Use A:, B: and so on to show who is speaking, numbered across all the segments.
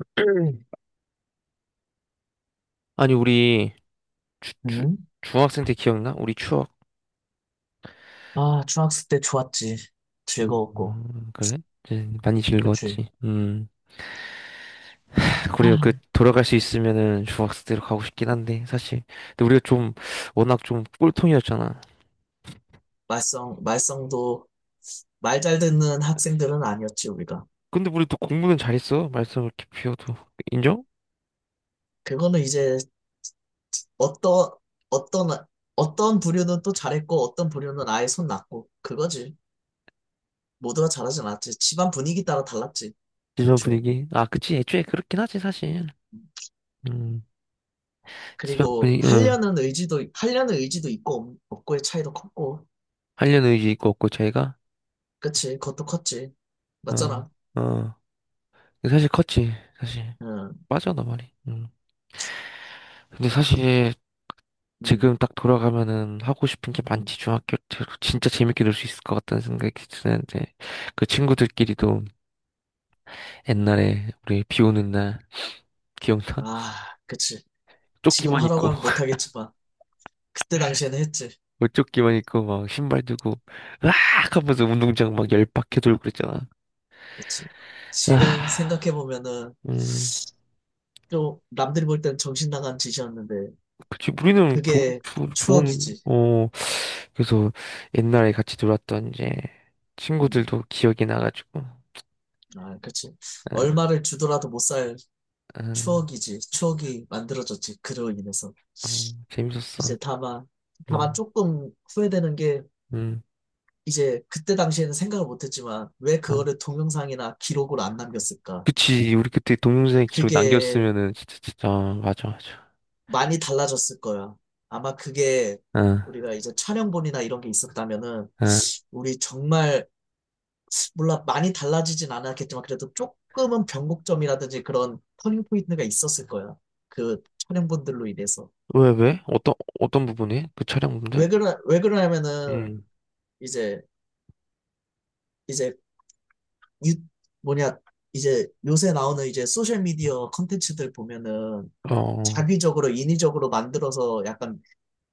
A: 아니, 우리 주, 주,
B: 응?
A: 중학생 때 기억나? 우리 추억.
B: 아, 중학생 때 좋았지. 즐거웠고.
A: 그래? 이제 많이
B: 그치.
A: 즐거웠지. 음. 그래요. 그
B: 아,
A: 돌아갈 수 있으면은 중학생 때로 가고 싶긴 한데 사실. 근데 우리가 좀 워낙 좀 꼴통이었잖아.
B: 말썽도 말 잘 듣는 학생들은 아니었지, 우리가.
A: 근데 우리 또 공부는 잘했어. 말썽을 이렇게 피워도 인정?
B: 그거는 이제 어떤, 어떤, 어떤 부류는 또 잘했고, 어떤 부류는 아예 손 났고. 그거지. 모두가 잘하진 않았지. 집안 분위기 따라 달랐지,
A: 집안
B: 애초에.
A: 분위기. 아, 그치. 애초에 그렇긴 하지 사실. 음. 집안
B: 그리고
A: 분위기. 응.
B: 하려는 의지도 있고 고의 차이도 컸고.
A: 하려는 의지 있고 없고 저희가.
B: 그치. 그것도 컸지.
A: 어.
B: 맞잖아.
A: 어. 사실 컸지. 사실. 빠져나 말이. 음. 근데 사실. 지금 딱 돌아가면은 하고 싶은 게
B: 응응응아.
A: 많지, 중학교 때로. 진짜 재밌게 놀 수 있을 것 같다는 생각이 드는데, 그 친구들끼리도 옛날에 우리 비 오는 날, 기억나?
B: 그치. 지금
A: 조끼만
B: 하라고
A: 입고,
B: 하면 못하겠지만 그때 당시에는 했지.
A: 옷조끼만 입고, 막 신발 들고, 으악! 하면서 운동장 막 열 박해 돌고 그랬잖아.
B: 그치. 지금
A: 아,
B: 생각해 보면은
A: 음,
B: 좀 남들이 볼 때는 정신 나간 짓이었는데
A: 그치, 우리는
B: 그게
A: 좋은,
B: 추억이지.
A: 어, 그래서 옛날에 같이 놀았던 이제 친구들도 기억이 나가지고, 아,
B: 음아, 그치. 얼마를 주더라도 못 살
A: 아,
B: 추억이지. 추억이 만들어졌지, 그로 인해서.
A: 어, 재밌었어.
B: 이제 다만
A: 음,
B: 조금 후회되는 게,
A: 음.
B: 이제 그때 당시에는 생각을 못했지만 왜
A: 음.
B: 그거를 동영상이나 기록으로 안 남겼을까?
A: 그치, 우리 그때 동영상 기록
B: 그게
A: 남겼으면은 진짜 어, 맞아.
B: 많이 달라졌을 거야. 아마 그게,
A: 응,
B: 우리가 이제 촬영본이나 이런 게 있었다면은
A: 응.
B: 우리 정말, 몰라, 많이 달라지진 않았겠지만 그래도 조금은 변곡점이라든지 그런 터닝 포인트가 있었을 거야. 그 촬영본들로 인해서.
A: 왜? 어떤 부분이? 그 촬영 부분들?
B: 왜 그러냐면은
A: 응
B: 이제 이제 유, 뭐냐, 이제 요새 나오는 이제 소셜 미디어 컨텐츠들 보면은
A: 어.
B: 자기적으로 인위적으로 만들어서 약간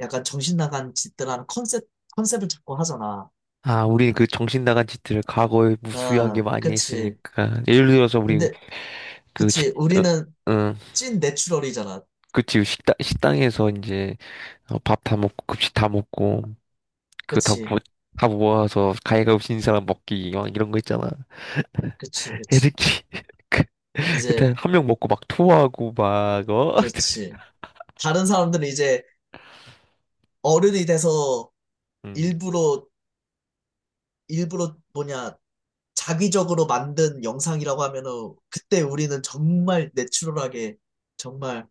B: 약간 정신 나간 짓들 하는 컨셉을 자꾸 하잖아.
A: 아, 우리 그 정신 나간 짓들을 과거에 무수하게
B: 어,
A: 많이
B: 그치.
A: 했으니까. 예를 들어서 우리
B: 근데
A: 그 식,
B: 그치.
A: 어,
B: 우리는
A: 응,
B: 찐 내추럴이잖아.
A: 그치, 그 식당 식당에서 이제 밥 다 먹고 급식 다 먹고 그 다
B: 그치.
A: 모, 다 모아서 가위가위보 진 사람 먹기 막 이런 거 있잖아.
B: 그치. 그치.
A: 애들끼리
B: 이제
A: 그때 한 명 먹고 막 토하고 막 어.
B: 그렇지. 다른 사람들은 이제 어른이 돼서
A: 응
B: 일부러 일부러 뭐냐, 자기적으로 만든 영상이라고 하면은 그때 우리는 정말 내추럴하게 정말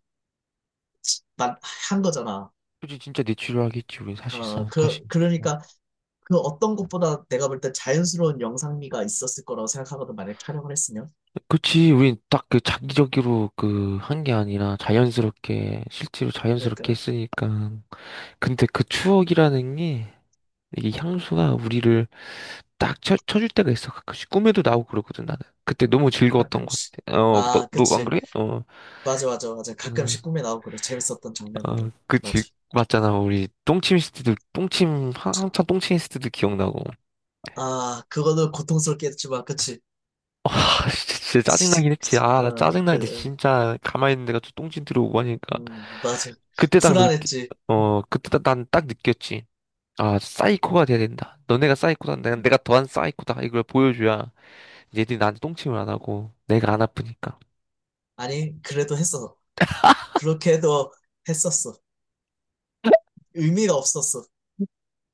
B: 만- 한 거잖아.
A: 그치, 진짜 내 치료하겠지, 우린
B: 어,
A: 사실상, 사실.
B: 그러니까 그 어떤 것보다 내가 볼 때 자연스러운 영상미가 있었을 거라고 생각하거든, 만약 촬영을 했으면.
A: 그치, 우린 딱 그 자기적으로 그 한 게 아니라 자연스럽게, 실제로 자연스럽게
B: 그러니까
A: 했으니까. 근데 그 추억이라는 게, 이 향수가 우리를 딱 쳐줄 때가 있어. 가끔씩 꿈에도 나오고 그러거든, 나는. 그때 너무 즐거웠던 것
B: 가끔씩.
A: 같아. 어,
B: 아,
A: 너 안
B: 그치.
A: 그래? 어,
B: 맞아, 맞아, 맞아.
A: 응.
B: 가끔씩 꿈에 나오고 그래. 재밌었던
A: 어,
B: 장면들은.
A: 그치.
B: 맞아.
A: 맞잖아, 우리 똥침 했을 때도, 똥침, 한참 똥침 했을 때도 기억나고.
B: 아, 그거는 고통스럽게 했지만, 그치.
A: 아, 진짜
B: 그치.
A: 짜증나긴 했지.
B: 그치.
A: 아, 나
B: 어,
A: 짜증나는데 진짜 가만히 있는 데가 또 똥진 들어오고 하니까.
B: 맞아.
A: 그때 딱 느끼,
B: 불안했지.
A: 어, 그때 난 딱 느꼈지. 아, 사이코가 돼야 된다. 너네가 사이코다.
B: 음.
A: 내가 더한 사이코다. 이걸 보여줘야 얘들이 나한테 똥침을 안 하고 내가 안 아프니까.
B: 아니, 그래도 했어. 그렇게 해도 했었어. 의미가 없었어.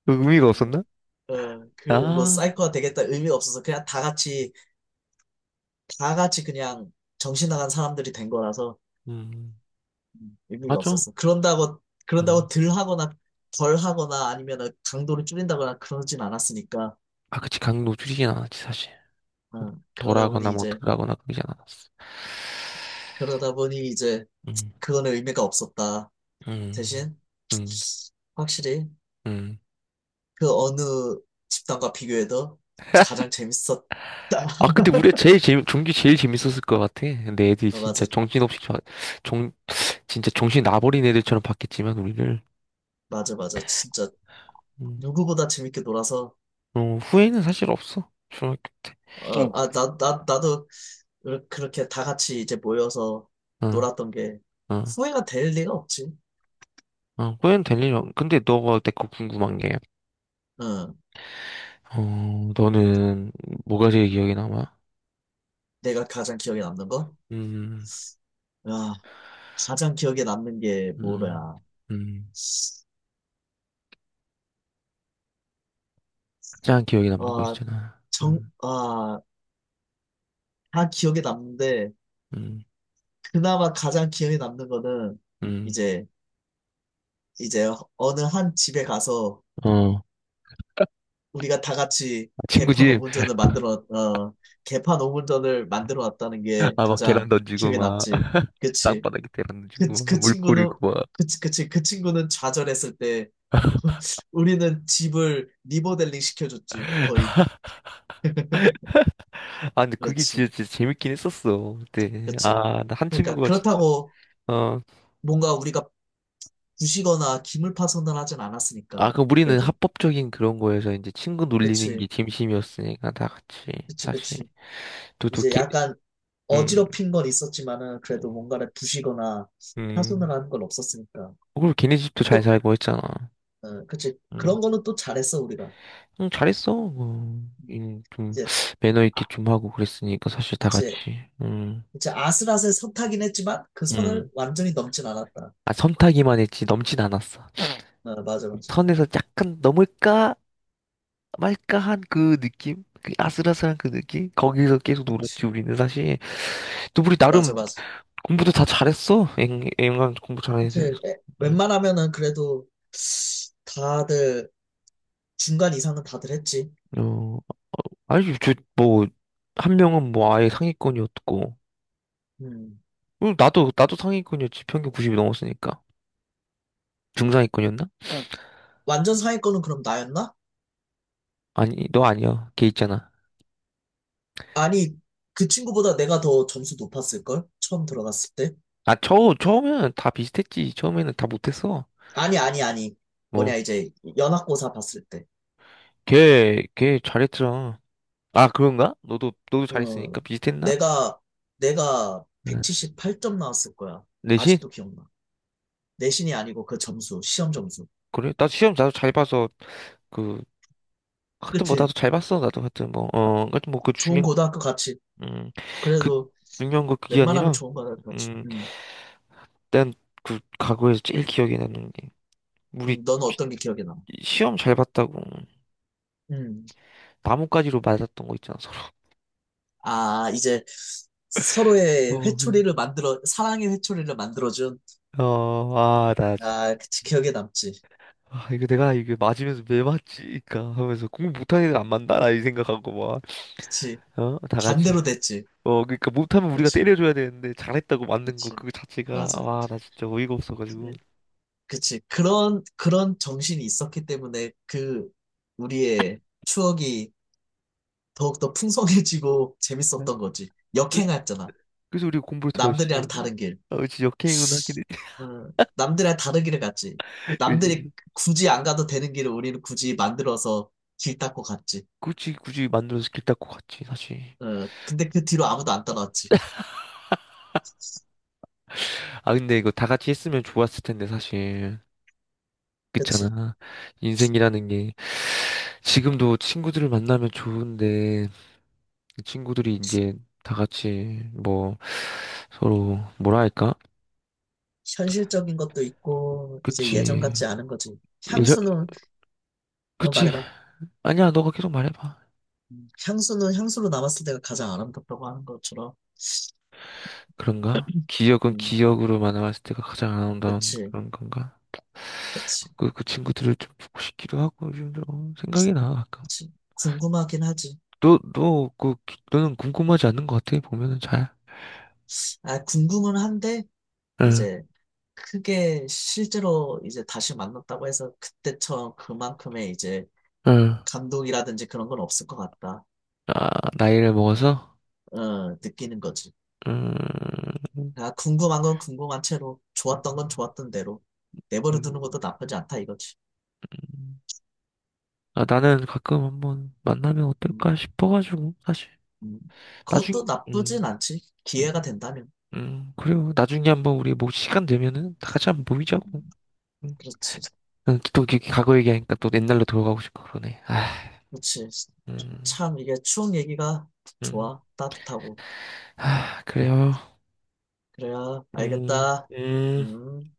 A: 의미가 없었나?
B: 어, 어, 뭐,
A: 아,
B: 사이코가 되겠다 의미가 없어서 그냥 다 같이 그냥 정신 나간 사람들이 된 거라서
A: 음,
B: 의미가
A: 맞아.
B: 없었어. 그런다고,
A: 음.
B: 그런다고 덜 하거나 아니면 강도를 줄인다거나 그러진 않았으니까.
A: 아, 그치. 강도 줄이진 않았지, 사실.
B: 어, 그러다
A: 덜하거나
B: 보니
A: 뭐
B: 이제,
A: 덜하거나 그러진 않았어.
B: 그러다 보니 이제
A: 음,
B: 그거는 의미가 없었다.
A: 음,
B: 대신,
A: 음,
B: 확실히
A: 음.
B: 그 어느 집단과 비교해도 가장 재밌었다.
A: 아, 근데 우리가 제일 재미, 종기 제일 재밌었을 것 같아. 근데 애들이
B: 어,
A: 진짜
B: 맞아,
A: 정신없이, 정, 진짜 정신 나버린 애들처럼 봤겠지만, 우리를.
B: 맞아, 맞아. 진짜
A: 음,
B: 누구보다 재밌게 놀아서,
A: 어, 후회는 사실 없어. 중학교 때.
B: 어, 아, 나도 그렇게 다 같이 이제 모여서
A: 어,
B: 놀았던 게
A: 어,
B: 후회가 될 리가 없지.
A: 어, 후회는 될 일 없. 근데 너가 내 거 궁금한 게,
B: 응.
A: 어, 너는 뭐가 제일 기억에 남아?
B: 내가 가장 기억에 남는 거?
A: 음,
B: 야, 가장 기억에 남는 게
A: 음,
B: 뭐야?
A: 음. 가장 기억에 남는 거
B: 아,
A: 있잖아.
B: 정,
A: 음,
B: 아, 다 기억에 남는데,
A: 음,
B: 그나마 가장 기억에 남는 거는
A: 음.
B: 이제, 이제 어느 한 집에 가서
A: 어,
B: 우리가 다 같이
A: 친구
B: 개판
A: 집,
B: 5분전을 만들어, 어, 개판 오분전을 만들어 놨다는 게
A: 아, 막 계란
B: 가장
A: 던지고,
B: 기억에
A: 막,
B: 남지. 그치?
A: 땅바닥에 계란
B: 그,
A: 던지고, 막,
B: 그
A: 물
B: 친구는,
A: 뿌리고,
B: 그, 치- 그, 치- 그 친구는 좌절했을 때, 우리는 집을 리모델링 시켜줬지, 거의.
A: 아, 근데 그게
B: 그렇지,
A: 진짜 재밌긴 했었어. 그때.
B: 그렇지.
A: 아, 나 한
B: 그러니까,
A: 친구가 진짜.
B: 그렇다고
A: 어.
B: 뭔가 우리가 부시거나 기물 파손을 하진
A: 아,
B: 않았으니까,
A: 그럼 우리는
B: 그래도.
A: 합법적인 그런 거여서 이제 친구 놀리는
B: 그치,
A: 게 진심이었으니까 다 같이,
B: 그치,
A: 사실.
B: 그치.
A: 또, 또,
B: 이제
A: 걔,
B: 약간
A: 음,
B: 어지럽힌 건 있었지만은, 그래도 뭔가를 부시거나 파손을
A: 음.
B: 하는 건 없었으니까.
A: 그리고 걔네 집도 잘
B: 또,
A: 살고 했잖아.
B: 어, 그치.
A: 음,
B: 그런 거는 또 잘했어, 우리가.
A: 응, 잘했어. 어, 좀,
B: 이제,
A: 매너 있게
B: 아,
A: 좀 하고 그랬으니까 사실 다 같이.
B: 그치.
A: 음,
B: 이제 아슬아슬 선 타긴 했지만 그 선을
A: 음.
B: 완전히 넘진 않았다.
A: 아, 선타기만 했지, 넘진 않았어.
B: 어, 맞아, 맞아.
A: 선에서 약간 넘을까? 말까한 그 느낌? 그 아슬아슬한 그 느낌? 거기서 계속 놀았지,
B: 그치.
A: 우리는 사실. 또 우리
B: 맞아,
A: 나름
B: 맞아.
A: 공부도 다 잘했어. 앵간 공부 잘해야지.
B: 이제
A: 음,
B: 웬만하면은 그래도 다들 중간 이상은 다들 했지.
A: 어, 아니, 저, 뭐, 한 명은 뭐 아예 상위권이었고.
B: 음.
A: 응, 나도 상위권이었지. 평균 90이 넘었으니까. 중상위권이었나?
B: 완전 상위권은 그럼 나였나?
A: 아니, 너 아니야. 걔 있잖아.
B: 아니, 그 친구보다 내가 더 점수 높았을걸? 처음 들어갔을 때.
A: 아, 처음에는 다 비슷했지. 처음에는 다 못했어.
B: 아니, 아니, 아니. 뭐냐,
A: 뭐,
B: 이제 연합고사 봤을 때.
A: 걔 잘했잖아. 아, 그런가? 너도
B: 어,
A: 잘했으니까 비슷했나?
B: 내가, 내가
A: 응.
B: 178점 나왔을 거야.
A: 내신?
B: 아직도 기억나. 내신이 아니고 그 점수, 시험 점수.
A: 그래? 나 시험 나도 잘 봐서 그 하여튼 뭐
B: 그치?
A: 나도 잘 봤어 나도 하여튼 뭐어 하여튼 뭐 그
B: 좋은
A: 중요한
B: 고등학교 같이.
A: 음그
B: 그래도
A: 중요한 거 그게
B: 웬만하면
A: 아니라
B: 좋은 고등학교 같이.
A: 음
B: 음.
A: 난그 과거에서 제일 기억에 남는 게 우리
B: 너는 어떤 게 기억에 남아?
A: 시험 잘 봤다고
B: 음.
A: 나뭇가지로 맞았던 거 있잖아 서로
B: 아, 이제 서로의
A: 어아나
B: 회초리를 만들어, 사랑의 회초리를 만들어준.
A: 아, 나, 진-
B: 아, 그치, 기억에 남지.
A: 아, 이거 내가 이게 맞으면서 왜 맞지? 그니까 하면서 공부 못하는 애들 안 만나나 이 생각하고 막
B: 그치.
A: 어 다 같이
B: 반대로 됐지.
A: 어, 그러니까 못하면 우리가
B: 그치,
A: 때려줘야 되는데 잘했다고 맞는 거
B: 그치.
A: 그거 자체가
B: 맞아.
A: 와, 나 진짜 어이가 없어가지고.
B: 예, 그치. 그런 정신이 있었기 때문에 우리의 추억이 더욱더 풍성해지고
A: 네.
B: 재밌었던 거지.
A: 그래서
B: 역행했잖아.
A: 그래서 우리가 공부를 더 열심히
B: 남들이랑
A: 했나?
B: 다른 길.
A: 아, 그치 역행은 하긴 했지.
B: 남들이랑 다른 길을 갔지. 남들이
A: 그치.
B: 굳이 안 가도 되는 길을 우리는 굳이 만들어서 길 닦고 갔지.
A: 굳이 만들어서 길 닦고 갔지 사실.
B: 어, 근데 그 뒤로 아무도 안 따라왔지.
A: 아 근데 이거 다 같이 했으면 좋았을 텐데 사실.
B: 그치.
A: 그렇잖아. 인생이라는 게 지금도 친구들을 만나면 좋은데 그 친구들이
B: 시-
A: 이제 다 같이 뭐 서로 뭐라 할까?
B: 현실적인 것도 있고, 이제 예전
A: 그치.
B: 같지 않은 거지.
A: 예전
B: 향수는, 너
A: 그치.
B: 말해봐.
A: 아니야 너가 계속 말해봐.
B: 향수는 향수로 남았을 때가 가장 아름답다고 하는 것처럼.
A: 그런가? 기억은
B: 음,
A: 기억으로만 남았을 때가 가장 아름다운
B: 그치,
A: 그런 건가?
B: 그치,
A: 그 친구들을 좀 보고 싶기도 하고 요즘 좀 어, 생각이 나 아까
B: 그치. 궁금하긴 하지.
A: 너는 궁금하지 않는 것 같아 보면은 잘
B: 아, 궁금은 한데,
A: 응,
B: 이제 크게 실제로 이제 다시 만났다고 해서 그때처럼 그만큼의 이제
A: 응.
B: 감동이라든지 그런 건 없을 것 같다.
A: 아, 나이를 먹어서
B: 어, 느끼는 거지.
A: 음,
B: 아, 궁금한 건 궁금한 채로,
A: 음,
B: 좋았던 건 좋았던 대로 내버려 두는 것도 나쁘지 않다 이거지.
A: 음. 아, 나는 가끔 한번 만나면
B: 음,
A: 어떨까 싶어가지고 사실
B: 음. 그것도
A: 나중
B: 나쁘진 않지. 기회가
A: 음,
B: 된다면.
A: 그래요 나중에 한번 우리 뭐 시간 되면은 다 같이 한번 모이자고
B: 음,
A: 음.
B: 그렇지.
A: 응, 또 이렇게 과거 얘기하니까 또 옛날로 돌아가고 싶고 그러네. 아,
B: 그렇지.
A: 음,
B: 참, 이게 추억 얘기가
A: 음,
B: 좋아. 따뜻하고.
A: 아, 그래요.
B: 그래야
A: 음,
B: 알겠다.
A: 음.
B: 음.